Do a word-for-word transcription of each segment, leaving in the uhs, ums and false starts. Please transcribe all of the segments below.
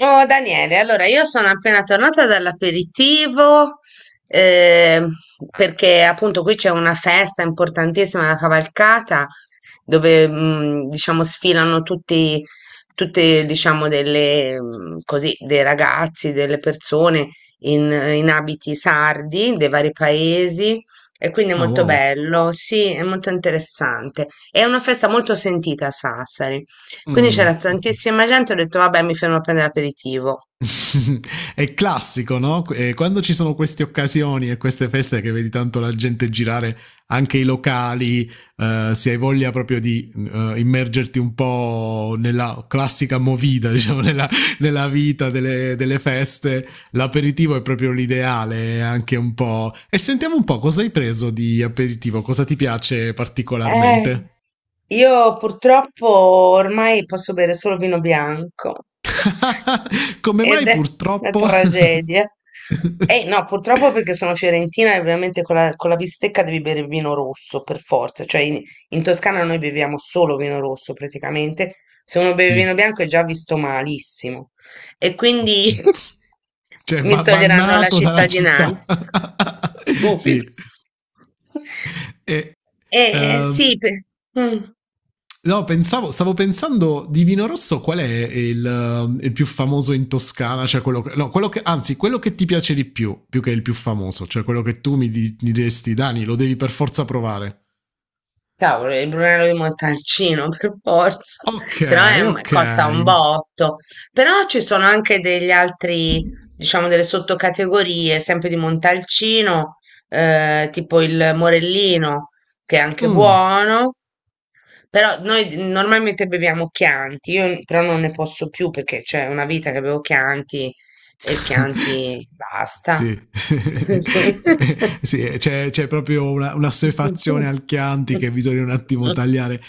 Oh, Daniele, allora io sono appena tornata dall'aperitivo eh, perché appunto qui c'è una festa importantissima, la cavalcata, dove mh, diciamo sfilano tutti, tutte, diciamo, delle, mh, così, dei ragazzi, delle persone in, in abiti sardi dei vari paesi e quindi è Ah, molto wow. bello, sì, è molto interessante. È una festa molto sentita a Sassari. Quindi Mh, c'era mh. tantissima gente, ho detto vabbè, mi fermo a prendere aperitivo. È classico, no, ehm, quando ci sono queste occasioni e queste feste che vedi tanto la gente girare anche i locali, ehm, se hai voglia proprio di, uhm, immergerti un po' nella classica movida, diciamo, nella nella vita delle delle feste, l'aperitivo è proprio l'ideale è anche un po' e sentiamo un po' cosa hai preso di aperitivo, cosa ti piace Eh, particolarmente? io purtroppo ormai posso bere solo vino bianco Come ed mai è una purtroppo? Sì. tragedia. Eh no, purtroppo perché sono fiorentina e ovviamente con la, con la bistecca devi bere il vino rosso per forza, cioè in, in Toscana noi beviamo solo vino rosso praticamente, se uno beve vino bianco è già visto malissimo. E quindi Ok. Cioè, mi va toglieranno la bannato dalla città. cittadinanza Sì. subito. E, Eh ehm, sì, pe- mm. no, pensavo, stavo pensando di vino rosso qual è il, ehm, il più famoso in Toscana, cioè quello che, no, quello che, anzi, quello che ti piace di più, più che il più famoso, cioè quello che tu mi, di- mi diresti, Dani, lo devi per forza provare. Cavolo, il Brunello di Montalcino per forza, Ok, però è un- ok. costa un botto. Però ci sono anche degli altri, diciamo, delle sottocategorie, sempre di Montalcino, eh, tipo il Morellino, che è anche Mm. buono. Però noi normalmente beviamo Chianti, io però non ne posso più perché c'è una vita che bevo Chianti e Chianti basta. Sì, sì, Così. sì, c'è, c'è proprio una, una assuefazione al Chianti che bisogna un attimo tagliare.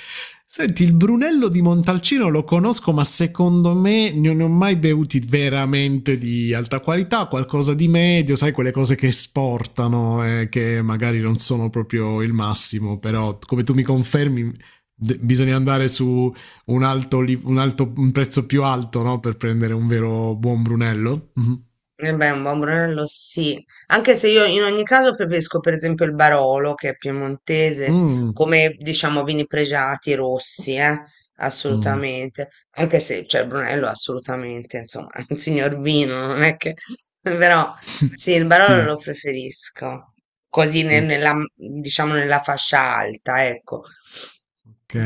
Senti, il Brunello di Montalcino lo conosco, ma secondo me non ne ho mai bevuti veramente di alta qualità, qualcosa di medio, sai, quelle cose che esportano, eh, che magari non sono proprio il massimo, però come tu mi confermi, de- bisogna andare su un, alto, li- un alto- un prezzo più alto, no, per prendere un vero buon Brunello. Mhm. Eh beh, un buon Brunello sì, anche se io in ogni caso preferisco per esempio il Barolo, che è piemontese, Mh, come diciamo vini pregiati rossi, eh, mh. assolutamente, anche se cioè, il Brunello è assolutamente, insomma, è un signor vino, non è che... però sì, il Barolo lo Sì, preferisco, così ne- sì, nella, diciamo nella fascia alta, ecco.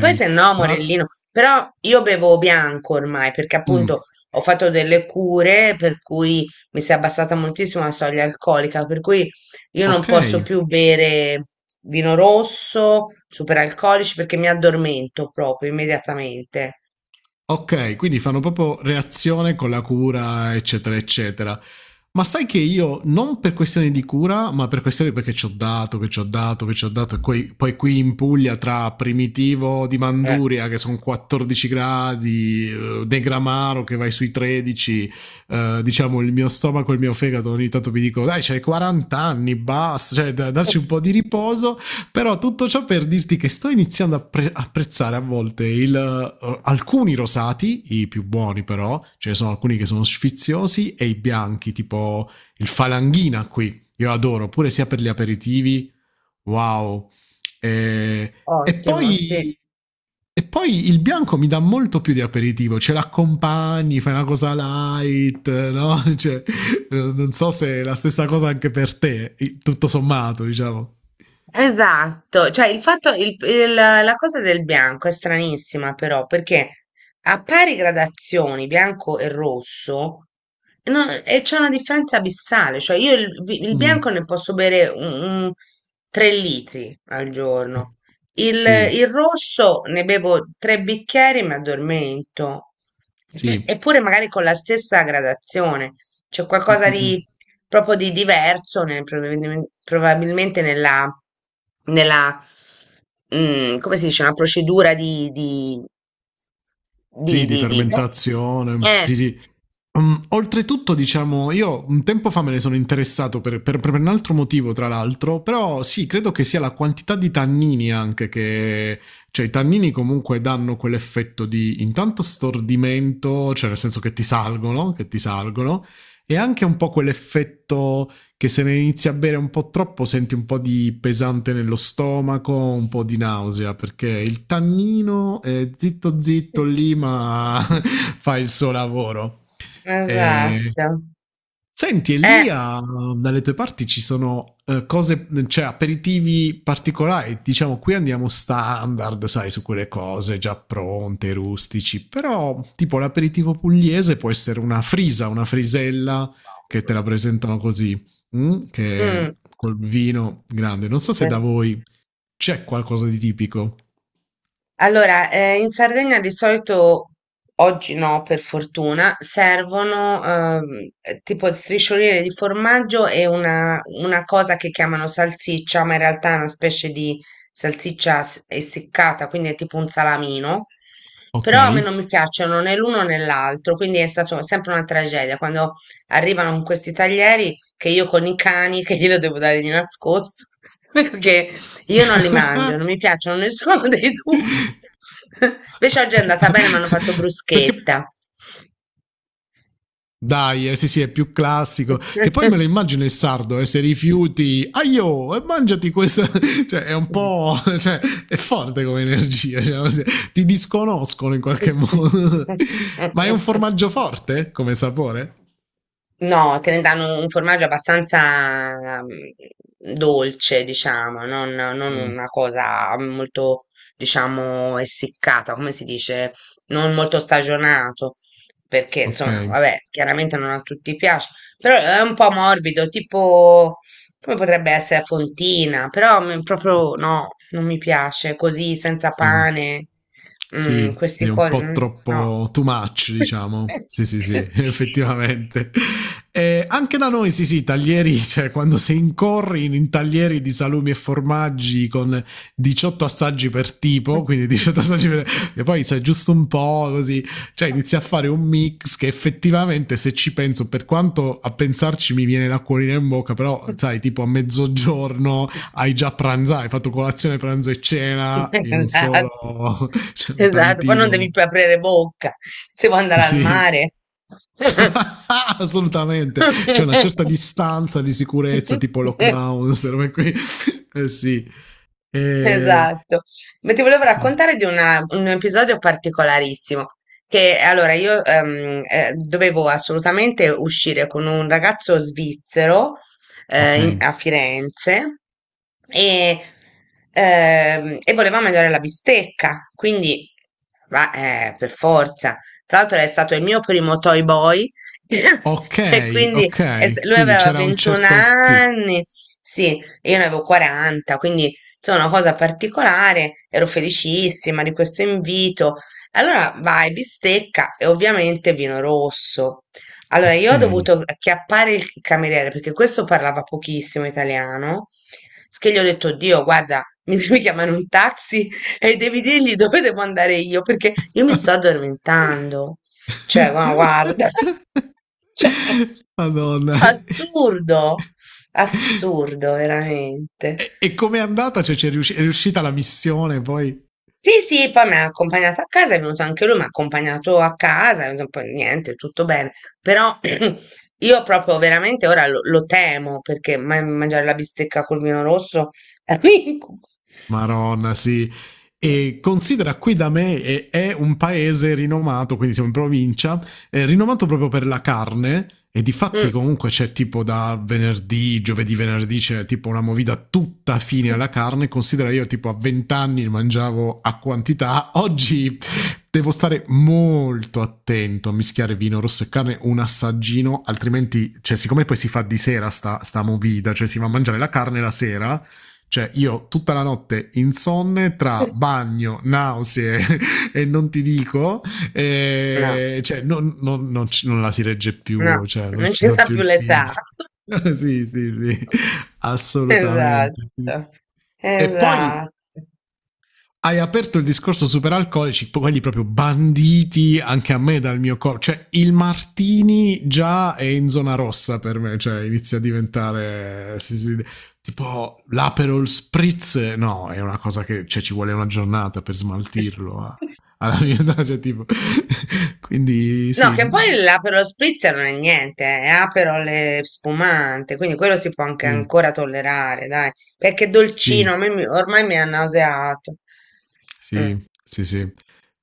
Poi se no, Ma Morellino, però io bevo bianco ormai, perché mh, appunto ho fatto delle cure, per cui mi si è abbassata moltissimo la soglia alcolica, per cui io non posso okay. più bere vino rosso, superalcolici, perché mi addormento proprio immediatamente. Ok, quindi fanno proprio reazione con la cura, eccetera, eccetera. Ma sai che io, non per questioni di cura, ma per questioni perché ci ho dato, che ci ho dato, che ci ho dato, e poi, poi qui in Puglia tra Primitivo di Eh. Manduria, che sono quattordici gradi, eh, Negramaro che vai sui tredici, eh, diciamo il mio stomaco e il mio fegato ogni tanto mi dicono dai, c'hai quaranta anni, basta, cioè da- darci un po' di riposo però tutto ciò per dirti che sto iniziando a pre- apprezzare a volte il, uh, alcuni rosati, i più buoni però, ce ne sono alcuni che sono sfiziosi, e i bianchi, tipo il falanghina qui, io adoro, pure sia per gli aperitivi, wow. E, e Ottimo, sì. poi... E poi il bianco mi dà molto più di aperitivo, ce l'accompagni, fai una cosa light, no? Cioè, non so se è la stessa cosa anche per te, tutto sommato, diciamo. Esatto, cioè il fatto, il- il- la cosa del bianco è stranissima però perché a pari gradazioni bianco e rosso no, e c'è una differenza abissale, cioè io il, vi- il bianco Mm, ne posso bere un, un tre litri al ok. giorno, il, Sì, il rosso ne bevo tre bicchieri e mi addormento, sì. eppure magari con la stessa gradazione, c'è Mm, qualcosa mm, mm. di proprio di diverso nel- probabilmen- probabilmente nella, nella, mm, come si dice, una procedura di, di, di, Sì, di di, di- boh. fermentazione. Eh, Sì, sì. Mm, oltretutto, diciamo, io un tempo fa me ne sono interessato per, per- per un altro motivo, tra l'altro, però sì, credo che sia la quantità di tannini anche che... Cioè, i tannini comunque danno quell'effetto di intanto stordimento, cioè nel senso che ti salgono, che ti salgono, e anche un po' quell'effetto che se ne inizi a bere un po' troppo senti un po' di pesante nello stomaco, un po' di nausea, perché il tannino è zitto zitto lì, ma fa il suo lavoro. E esatto. Senti, e Eh. lì a- dalle tue parti ci sono eh, cose, cioè aperitivi particolari. Diciamo, qui andiamo standard, sai, su quelle cose già pronte, rustici. Però, tipo l'aperitivo pugliese può essere una frisa, una frisella che te la presentano così, mm? Che Mm. col vino grande. Non so se da voi c'è qualcosa di tipico. Allora, eh, in Sardegna di solito, oggi no, per fortuna, servono ehm, eh, tipo striscioline di formaggio e una, una cosa che chiamano salsiccia, ma in realtà è una specie di salsiccia s- essiccata, quindi è tipo un salamino. Ok. Però a me non mi piacciono né l'uno né l'altro, quindi è stata sempre una tragedia quando arrivano con questi taglieri che io con i cani, che glielo devo dare di nascosto, perché io non li mangio, non mi piacciono nessuno dei due. Invece oggi è andata bene, mi hanno fatto Perché bruschetta. Dai, eh, sì, sì, è più classico. Che poi me lo immagino il sardo, eh, se rifiuti, aio, e mangiati questa. Cioè, è un po'. Cioè, è forte come energia. Cioè, se- ti disconoscono in qualche modo. Ma è un formaggio forte come sapore? No, te ne danno un formaggio abbastanza mm, dolce, diciamo, non, non Mm, una cosa molto, diciamo, essiccata, come si dice, non molto stagionato, perché ok. insomma, vabbè, chiaramente non a tutti piace, però è un po' morbido, tipo come potrebbe essere a fontina, però mi- proprio no, non mi piace così, senza Sì. pane, mm, Sì, queste sì, un cose, po' mm, no. troppo too much, diciamo. Sì, sì, sì, Sì. effettivamente. E anche da noi, sì, sì, taglieri, cioè quando si incorri in, in taglieri di salumi e formaggi con diciotto assaggi per tipo, quindi diciotto assaggi per... E poi sai, giusto un po' così, cioè inizi a fare un mix che effettivamente se ci penso, per quanto a pensarci mi viene l'acquolina in bocca, però sai, tipo a mezzogiorno hai già pranzato, hai fatto colazione, pranzo e cena in un solo, Esatto, cioè un esatto. Poi non devi tantino. più aprire bocca se vuoi andare al Sì, mare. assolutamente. C'è una certa distanza di sicurezza, tipo lockdown, queste robe qui. Eh, sì. Eh, Esatto, ma ti volevo sì. raccontare di una- un episodio particolarissimo, che allora io ehm, eh, dovevo assolutamente uscire con un ragazzo svizzero eh, Ok. in- a Firenze e, ehm, e voleva mangiare la bistecca, quindi va- eh, per forza. Tra l'altro è stato il mio primo toy boy e Ok, quindi è s- ok. lui Quindi aveva c'era un ventuno certo... Sì, anni, sì, e io ne avevo quaranta, quindi insomma, una cosa particolare, ero felicissima di questo invito. Allora vai, bistecca e ovviamente vino rosso. Allora ok. io ho dovuto acchiappare il cameriere perché questo parlava pochissimo italiano. S Che gli ho detto, Dio, guarda, mi devi chiamare un taxi e devi dirgli dove devo andare io perché io mi sto addormentando. Cioè, ma guarda, cioè, Madonna. assurdo, assurdo veramente. E, e com'è andata? Cioè, c'è riusci- è riuscita la missione poi? Sì, sì, poi mi ha accompagnato a casa, è venuto anche lui, mi ha accompagnato a casa, e poi niente, tutto bene. Però io proprio veramente ora lo, lo temo perché ma- mangiare la bistecca col vino rosso è un incubo. Maronna, sì. E considera qui da me è, è un paese rinomato, quindi siamo in provincia, è rinomato proprio per la carne. E di fatti Mm. comunque c'è tipo da venerdì, giovedì, venerdì c'è tipo una movida tutta fine alla carne. Considera io tipo a venti anni mangiavo a quantità, oggi devo stare molto attento a mischiare vino rosso e carne, un assaggino, altrimenti, cioè siccome poi si fa di sera sta, sta movida, cioè si va a mangiare la carne la sera cioè, io tutta la notte insonne tra bagno, nausee e non ti dico, No, e cioè, non, non- non ci- non la si regge no, più, cioè, non non ci ci sta sa più più il film. l'età. Sì, sì, sì, assolutamente. Esatto, E poi esatto. hai aperto il discorso superalcolici, quelli proprio banditi anche a me dal mio corpo. Cioè, il Martini già è in zona rossa per me, cioè inizia a diventare. Si- si- tipo l'Aperol Spritz, no, è una cosa che cioè, ci vuole una giornata per smaltirlo. A- alla mia età, cioè, tipo. Quindi, No, sì. che poi l'Aperol Spritz non è niente, è Aperol e spumante, quindi quello si può anche Sì, ancora tollerare, dai, perché sì. dolcino, a me mi- ormai mi ha nauseato. Sì, Mm. sì, sì.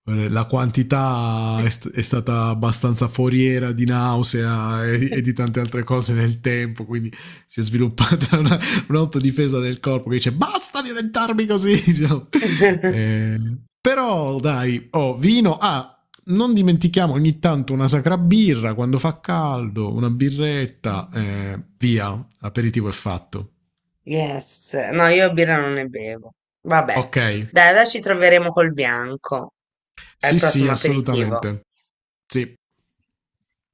Eh, La quantità è, st- è stata abbastanza foriera di nausea e, e di tante altre cose nel tempo, quindi si è sviluppata una- un'autodifesa del corpo che dice basta diventarmi così. Diciamo. Eh, però dai, oh, vino. Ah, non dimentichiamo ogni tanto una sacra birra quando fa caldo, una birretta, eh, via, aperitivo è fatto. Yes, no, io birra non ne bevo. Vabbè, Ok, dai, adesso ci troveremo col bianco al sì, sì, prossimo aperitivo. assolutamente. Sì.